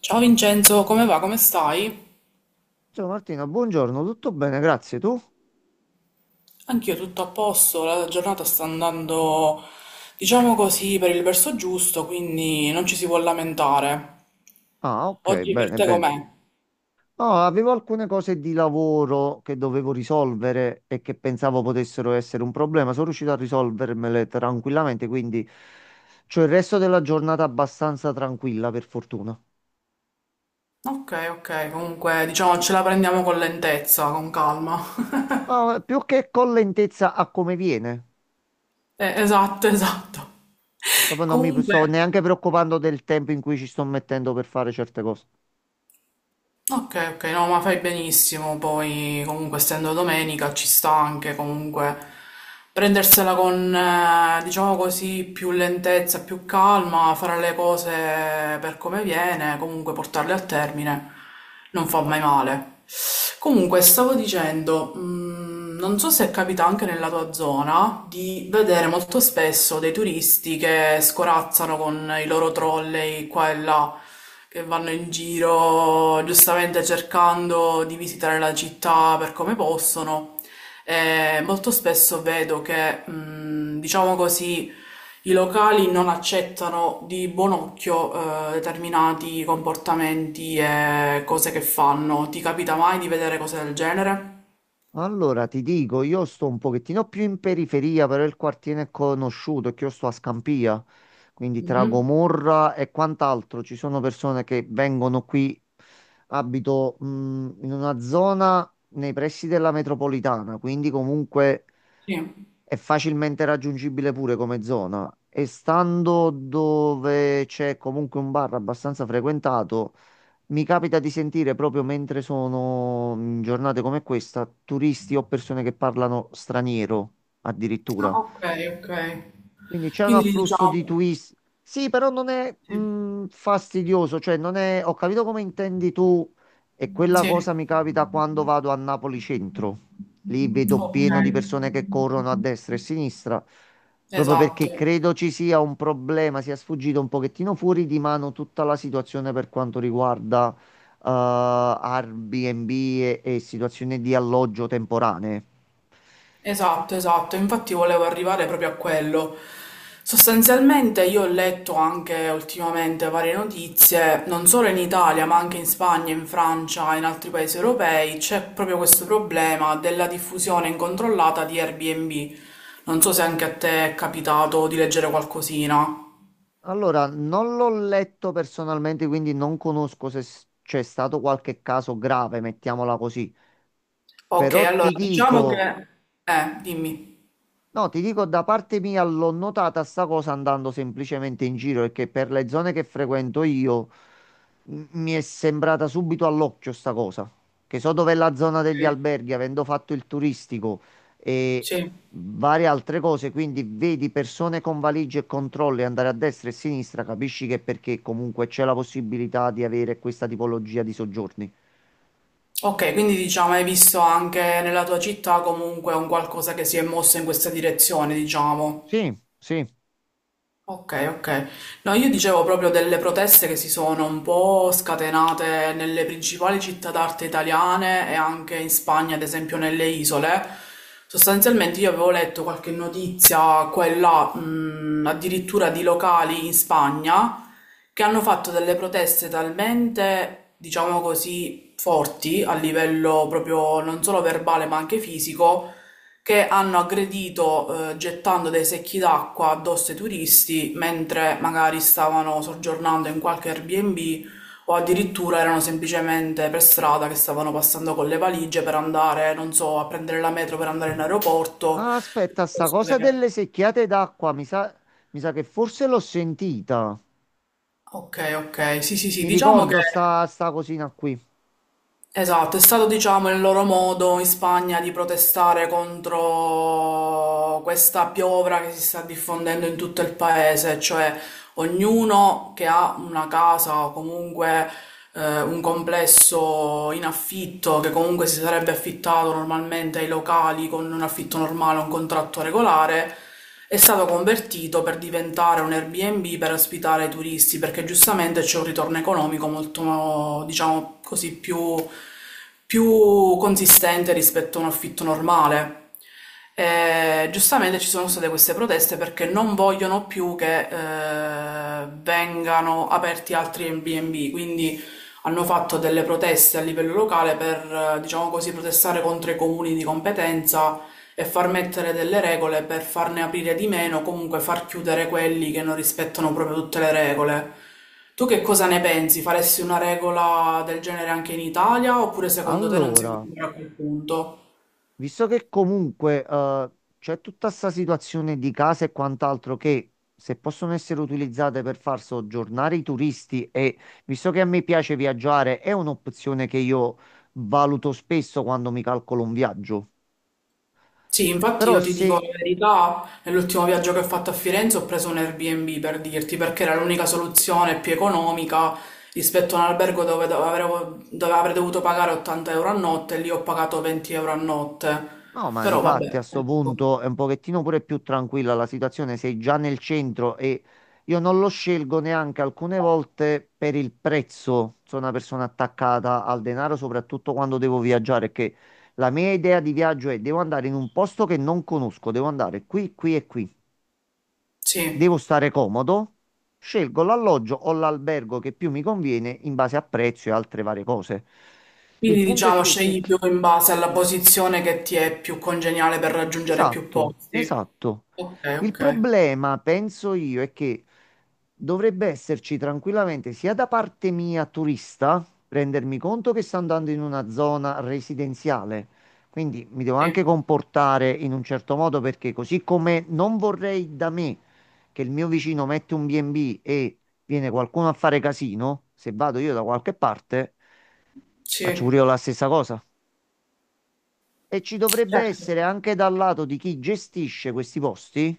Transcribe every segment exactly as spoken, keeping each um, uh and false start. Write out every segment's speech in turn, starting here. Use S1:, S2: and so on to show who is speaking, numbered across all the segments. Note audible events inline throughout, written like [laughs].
S1: Ciao Vincenzo, come va? Come stai?
S2: Ciao Martina, buongiorno, tutto bene, grazie. Tu?
S1: Anch'io tutto a posto, la giornata sta andando, diciamo così, per il verso giusto, quindi non ci si può lamentare.
S2: Ah, ok,
S1: Oggi per
S2: bene,
S1: te com'è?
S2: bene. No, avevo alcune cose di lavoro che dovevo risolvere e che pensavo potessero essere un problema. Sono riuscito a risolvermele tranquillamente, quindi c'ho il resto della giornata abbastanza tranquilla, per fortuna.
S1: Ok, ok, comunque diciamo ce la prendiamo con lentezza, con calma. [laughs]
S2: Ma più che con lentezza a come viene,
S1: Eh, esatto, esatto. [laughs]
S2: proprio non mi
S1: Comunque.
S2: sto neanche preoccupando del tempo in cui ci sto mettendo per fare certe cose.
S1: Ok, ok, no, ma fai benissimo, poi comunque essendo domenica ci sta anche comunque prendersela con, eh, diciamo così, più lentezza, più calma, fare le cose per come viene, comunque portarle a termine, non fa mai male. Comunque, stavo dicendo, mh, non so se capita anche nella tua zona di vedere molto spesso dei turisti che scorazzano con i loro trolley qua e là, che vanno in giro giustamente cercando di visitare la città per come possono. Eh, molto spesso vedo che, mh, diciamo così, i locali non accettano di buon occhio eh, determinati comportamenti e cose che fanno. Ti capita mai di vedere cose del genere?
S2: Allora, ti dico, io sto un pochettino più in periferia, però il quartiere è conosciuto, è che io sto a Scampia, quindi tra
S1: Mhm.
S2: Gomorra e quant'altro. Ci sono persone che vengono qui, abito, mh, in una zona nei pressi della metropolitana, quindi comunque
S1: Sì.
S2: è facilmente raggiungibile pure come zona. E stando dove c'è comunque un bar abbastanza frequentato, mi capita di sentire proprio mentre sono in giornate come questa, turisti o persone che parlano straniero
S1: Ah,
S2: addirittura.
S1: ok, ok.
S2: Quindi c'è un
S1: Quindi
S2: afflusso di
S1: diciamo,
S2: twist. Sì, però non è
S1: sì,
S2: mh, fastidioso, cioè non è... Ho capito come intendi tu e quella
S1: sì,
S2: cosa mi capita quando vado a Napoli centro. Lì vedo
S1: ok,
S2: pieno di persone che corrono a destra e a sinistra, proprio perché
S1: esatto.
S2: credo ci sia un problema, sia sfuggito un pochettino fuori di mano tutta la situazione per quanto riguarda eh, Airbnb e e situazioni di alloggio temporanee.
S1: Esatto, esatto, infatti volevo arrivare proprio a quello. Sostanzialmente io ho letto anche ultimamente varie notizie, non solo in Italia, ma anche in Spagna, in Francia e in altri paesi europei, c'è proprio questo problema della diffusione incontrollata di Airbnb. Non so se anche a te è capitato di leggere qualcosina.
S2: Allora, non l'ho letto personalmente, quindi non conosco se s- c'è stato qualche caso grave, mettiamola così.
S1: Ok,
S2: Però
S1: allora
S2: ti
S1: diciamo che...
S2: dico,
S1: Eh, dimmi.
S2: no, ti dico, da parte mia l'ho notata sta cosa andando semplicemente in giro, perché per le zone che frequento io m- mi è sembrata subito all'occhio sta cosa, che so dov'è la zona degli
S1: Sì.
S2: alberghi, avendo fatto il turistico e
S1: Sì.
S2: varie altre cose, quindi vedi persone con valigie e controlli andare a destra e a sinistra, capisci che è perché comunque c'è la possibilità di avere questa tipologia di soggiorni.
S1: Ok, quindi diciamo hai visto anche nella tua città comunque un qualcosa che si è mosso in questa direzione, diciamo.
S2: Sì, sì.
S1: Ok, ok. No, io dicevo proprio delle proteste che si sono un po' scatenate nelle principali città d'arte italiane e anche in Spagna, ad esempio nelle isole. Sostanzialmente io avevo letto qualche notizia, quella, mh, addirittura di locali in Spagna, che hanno fatto delle proteste talmente, diciamo così, forti a livello proprio non solo verbale ma anche fisico che hanno aggredito eh, gettando dei secchi d'acqua addosso ai turisti mentre magari stavano soggiornando in qualche Airbnb o addirittura erano semplicemente per strada che stavano passando con le valigie per andare, non so, a prendere la metro per andare in aeroporto.
S2: Ah, aspetta, sta
S1: piuttosto
S2: cosa
S1: che-
S2: delle secchiate d'acqua, mi sa, mi sa che forse l'ho sentita.
S1: Ok, ok, sì, sì, sì,
S2: Mi
S1: diciamo che
S2: ricordo sta, sta cosina qui.
S1: esatto, è stato diciamo il loro modo in Spagna di protestare contro questa piovra che si sta diffondendo in tutto il paese, cioè ognuno che ha una casa o comunque eh, un complesso in affitto che comunque si sarebbe affittato normalmente ai locali con un affitto normale, un contratto regolare, è stato convertito per diventare un Airbnb per ospitare i turisti, perché giustamente c'è un ritorno economico molto, diciamo così, più, più consistente rispetto a un affitto normale. E, giustamente ci sono state queste proteste perché non vogliono più che eh, vengano aperti altri Airbnb, quindi hanno fatto delle proteste a livello locale per, eh, diciamo così, protestare contro i comuni di competenza e far mettere delle regole per farne aprire di meno, comunque far chiudere quelli che non rispettano proprio tutte le regole. Tu che cosa ne pensi? Faresti una regola del genere anche in Italia oppure secondo te non siamo
S2: Allora,
S1: ancora a quel punto?
S2: visto che comunque eh, c'è tutta sta situazione di case e quant'altro che se possono essere utilizzate per far soggiornare i turisti e visto che a me piace viaggiare, è un'opzione che io valuto spesso quando mi calcolo un viaggio.
S1: Sì, infatti
S2: Però
S1: io ti
S2: se
S1: dico la verità, nell'ultimo viaggio che ho fatto a Firenze ho preso un Airbnb per dirti, perché era l'unica soluzione più economica rispetto a un albergo dove, dove avrei dove avrei dovuto pagare ottanta euro a notte e lì ho pagato venti euro a notte.
S2: No, ma di
S1: Però
S2: fatti
S1: vabbè,
S2: a sto
S1: ecco,
S2: punto è un pochettino pure più tranquilla la situazione, sei già nel centro e io non lo scelgo neanche alcune volte per il prezzo. Sono una persona attaccata al denaro, soprattutto quando devo viaggiare, perché la mia idea di viaggio è devo andare in un posto che non conosco, devo andare qui, qui e qui. Devo
S1: sì.
S2: stare comodo, scelgo l'alloggio o l'albergo che più mi conviene in base a prezzo e altre varie cose. Il
S1: Quindi
S2: punto è
S1: diciamo
S2: che se
S1: scegli più in base alla posizione che ti è più congeniale per raggiungere più
S2: Esatto,
S1: posti.
S2: esatto.
S1: Ok,
S2: Il
S1: ok,
S2: problema, penso io, è che dovrebbe esserci tranquillamente sia da parte mia turista, rendermi conto che sto andando in una zona residenziale, quindi mi devo anche
S1: sì,
S2: comportare in un certo modo perché così come non vorrei da me che il mio vicino mette un B e B e B e viene qualcuno a fare casino, se vado io da qualche parte, faccio
S1: sì,
S2: pure io la stessa cosa. E ci dovrebbe
S1: certo,
S2: essere anche dal lato di chi gestisce questi posti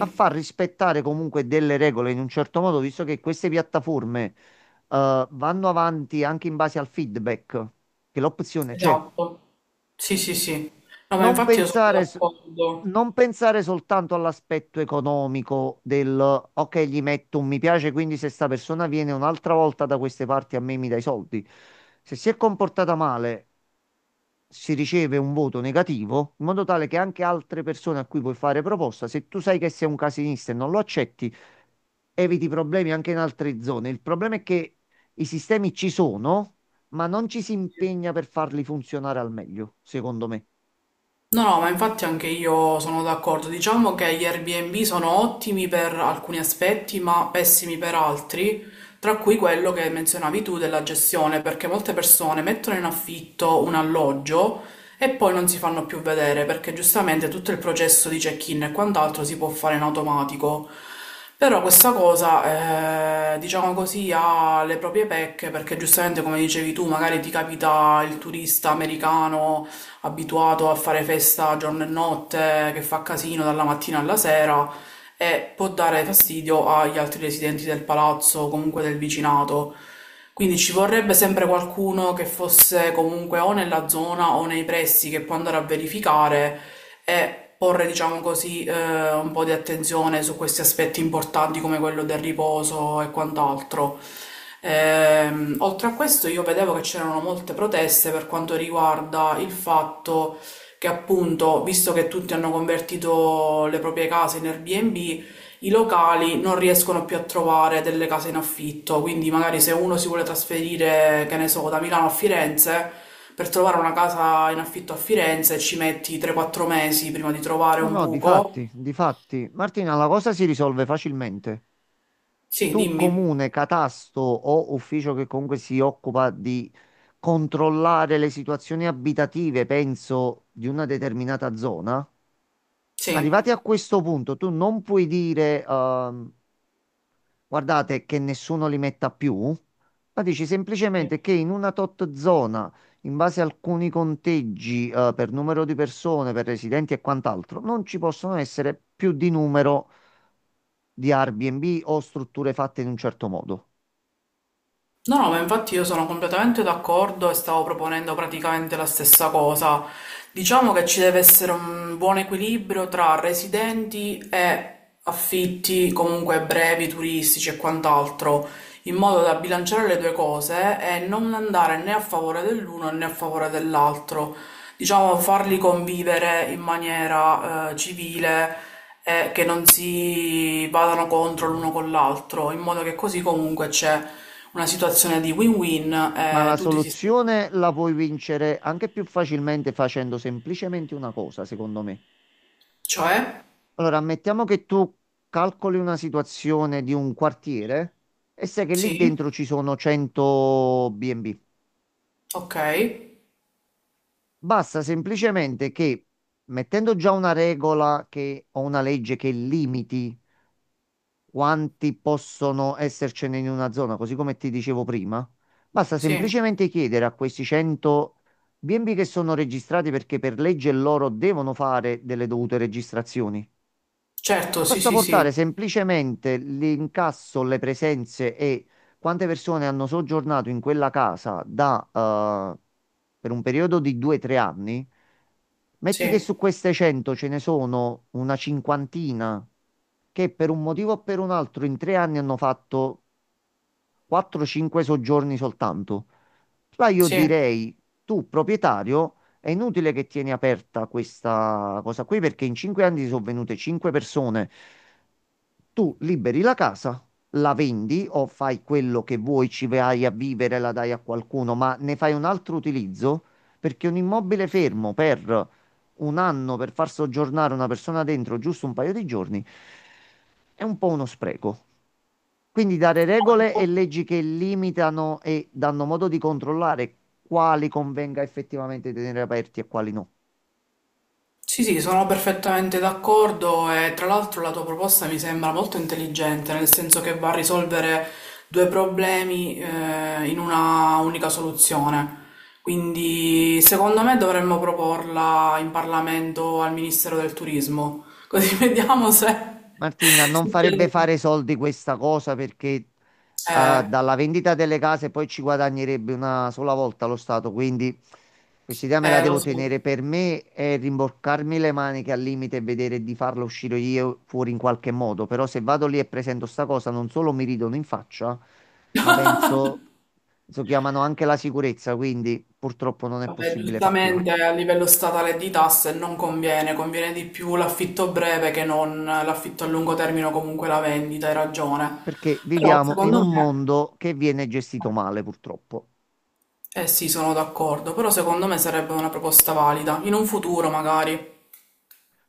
S2: a far rispettare comunque delle regole in un certo modo, visto che queste piattaforme eh, vanno avanti anche in base al feedback, che l'opzione c'è.
S1: Esatto. Sì, sì, sì. No, ma
S2: Non
S1: infatti io sono
S2: pensare, s-
S1: d'accordo.
S2: non pensare soltanto all'aspetto economico del ok, gli metto un mi piace, quindi se sta persona viene un'altra volta da queste parti a me mi dai i soldi. Se si è comportata male si riceve un voto negativo, in modo tale che anche altre persone a cui puoi fare proposta, se tu sai che sei un casinista e non lo accetti, eviti problemi anche in altre zone. Il problema è che i sistemi ci sono, ma non ci si
S1: Sì.
S2: impegna per farli funzionare al meglio, secondo me.
S1: No, no, ma infatti anche io sono d'accordo. Diciamo che gli Airbnb sono ottimi per alcuni aspetti, ma pessimi per altri, tra cui quello che menzionavi tu della gestione, perché molte persone mettono in affitto un alloggio e poi non si fanno più vedere, perché giustamente tutto il processo di check-in e quant'altro si può fare in automatico. Però questa cosa, eh, diciamo così, ha le proprie pecche, perché giustamente, come dicevi tu, magari ti capita il turista americano abituato a fare festa giorno e notte, che fa casino dalla mattina alla sera e può dare fastidio agli altri residenti del palazzo o comunque del vicinato. Quindi ci vorrebbe sempre qualcuno che fosse comunque o nella zona o nei pressi che può andare a verificare e porre, diciamo così, eh, un po' di attenzione su questi aspetti importanti come quello del riposo e quant'altro. Ehm, oltre a questo, io vedevo che c'erano molte proteste per quanto riguarda il fatto che, appunto, visto che tutti hanno convertito le proprie case in Airbnb, i locali non riescono più a trovare delle case in affitto, quindi magari se uno si vuole trasferire, che ne so, da Milano a Firenze, per trovare una casa in affitto a Firenze ci metti tre quattro mesi prima di trovare
S2: No,
S1: un
S2: no,
S1: buco.
S2: difatti, difatti. Martina, la cosa si risolve facilmente.
S1: Sì,
S2: Tu,
S1: dimmi.
S2: comune, catasto o ufficio che comunque si occupa di controllare le situazioni abitative, penso, di una determinata zona. Arrivati
S1: Sì.
S2: a questo punto, tu non puoi dire, ehm, guardate che nessuno li metta più, ma dici semplicemente che in una tot zona, in base a alcuni conteggi, eh, per numero di persone, per residenti e quant'altro, non ci possono essere più di numero di Airbnb o strutture fatte in un certo modo.
S1: No, no, ma infatti io sono completamente d'accordo e stavo proponendo praticamente la stessa cosa. Diciamo che ci deve essere un buon equilibrio tra residenti e affitti comunque brevi, turistici e quant'altro, in modo da bilanciare le due cose e non andare né a favore dell'uno né a favore dell'altro diciamo, farli convivere in maniera eh, civile e che non si vadano contro l'uno con l'altro, in modo che così comunque c'è una situazione di win-win
S2: Ma
S1: e
S2: la
S1: tutti si...
S2: soluzione la puoi vincere anche più facilmente facendo semplicemente una cosa, secondo me.
S1: Cioè?
S2: Allora, ammettiamo che tu calcoli una situazione di un quartiere e sai che lì
S1: Sì,
S2: dentro ci sono cento B e B.
S1: ok,
S2: Basta semplicemente che, mettendo già una regola che, o una legge che limiti quanti possono essercene in una zona, così come ti dicevo prima, basta
S1: sì,
S2: semplicemente chiedere a questi cento B e B che sono registrati perché per legge loro devono fare delle dovute registrazioni.
S1: certo, sì,
S2: Basta
S1: sì, sì,
S2: portare semplicemente l'incasso, le presenze e quante persone hanno soggiornato in quella casa da, eh, per un periodo di due tre anni. Metti che
S1: sì,
S2: su queste cento ce ne sono una cinquantina che per un motivo o per un altro in tre anni hanno fatto quattro cinque soggiorni soltanto. Là io
S1: sì.
S2: direi, tu proprietario, è inutile che tieni aperta questa cosa qui perché in cinque anni ti sono venute cinque persone. Tu liberi la casa, la vendi o fai quello che vuoi, ci vai a vivere, la dai a qualcuno, ma ne fai un altro utilizzo perché un immobile fermo per un anno per far soggiornare una persona dentro giusto un paio di giorni è un po' uno spreco. Quindi dare regole e leggi che limitano e danno modo di controllare quali convenga effettivamente tenere aperti e quali no.
S1: Sì, sì, sono perfettamente d'accordo e tra l'altro la tua proposta mi sembra molto intelligente, nel senso che va a risolvere due problemi eh, in una unica soluzione. Quindi secondo me dovremmo proporla in Parlamento al Ministero del Turismo, così [laughs] vediamo se
S2: Martina, non farebbe
S1: succede.
S2: fare soldi questa cosa perché eh,
S1: Eh,
S2: dalla vendita delle case poi ci guadagnerebbe una sola volta lo Stato, quindi questa idea me la
S1: eh, lo
S2: devo
S1: so.
S2: tenere per me e rimboccarmi le maniche al limite e vedere di farla uscire io fuori in qualche modo. Però se vado lì e presento sta cosa, non solo mi ridono in faccia, ma penso, penso chiamano anche la sicurezza, quindi purtroppo non è
S1: Vabbè,
S2: possibile farla.
S1: giustamente a livello statale di tasse non conviene, conviene di più l'affitto breve che non l'affitto a lungo termine o comunque la vendita, hai ragione.
S2: Perché
S1: Però
S2: viviamo in
S1: secondo
S2: un
S1: me,
S2: mondo che viene gestito male, purtroppo.
S1: eh sì, sono d'accordo, però secondo me sarebbe una proposta valida, in un futuro magari.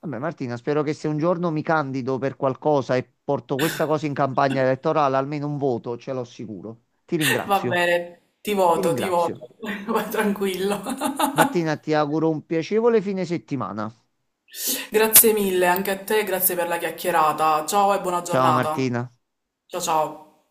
S2: Vabbè, Martina, spero che se un giorno mi candido per qualcosa e porto questa cosa in campagna elettorale, almeno un voto ce l'ho sicuro. Ti
S1: Va
S2: ringrazio,
S1: bene, ti
S2: ti
S1: voto, ti
S2: ringrazio.
S1: voto, [laughs] vai tranquillo.
S2: Martina, ti auguro un piacevole fine settimana.
S1: Grazie mille anche a te, grazie per la chiacchierata. Ciao e buona
S2: Ciao
S1: giornata.
S2: Martina.
S1: Ciao ciao.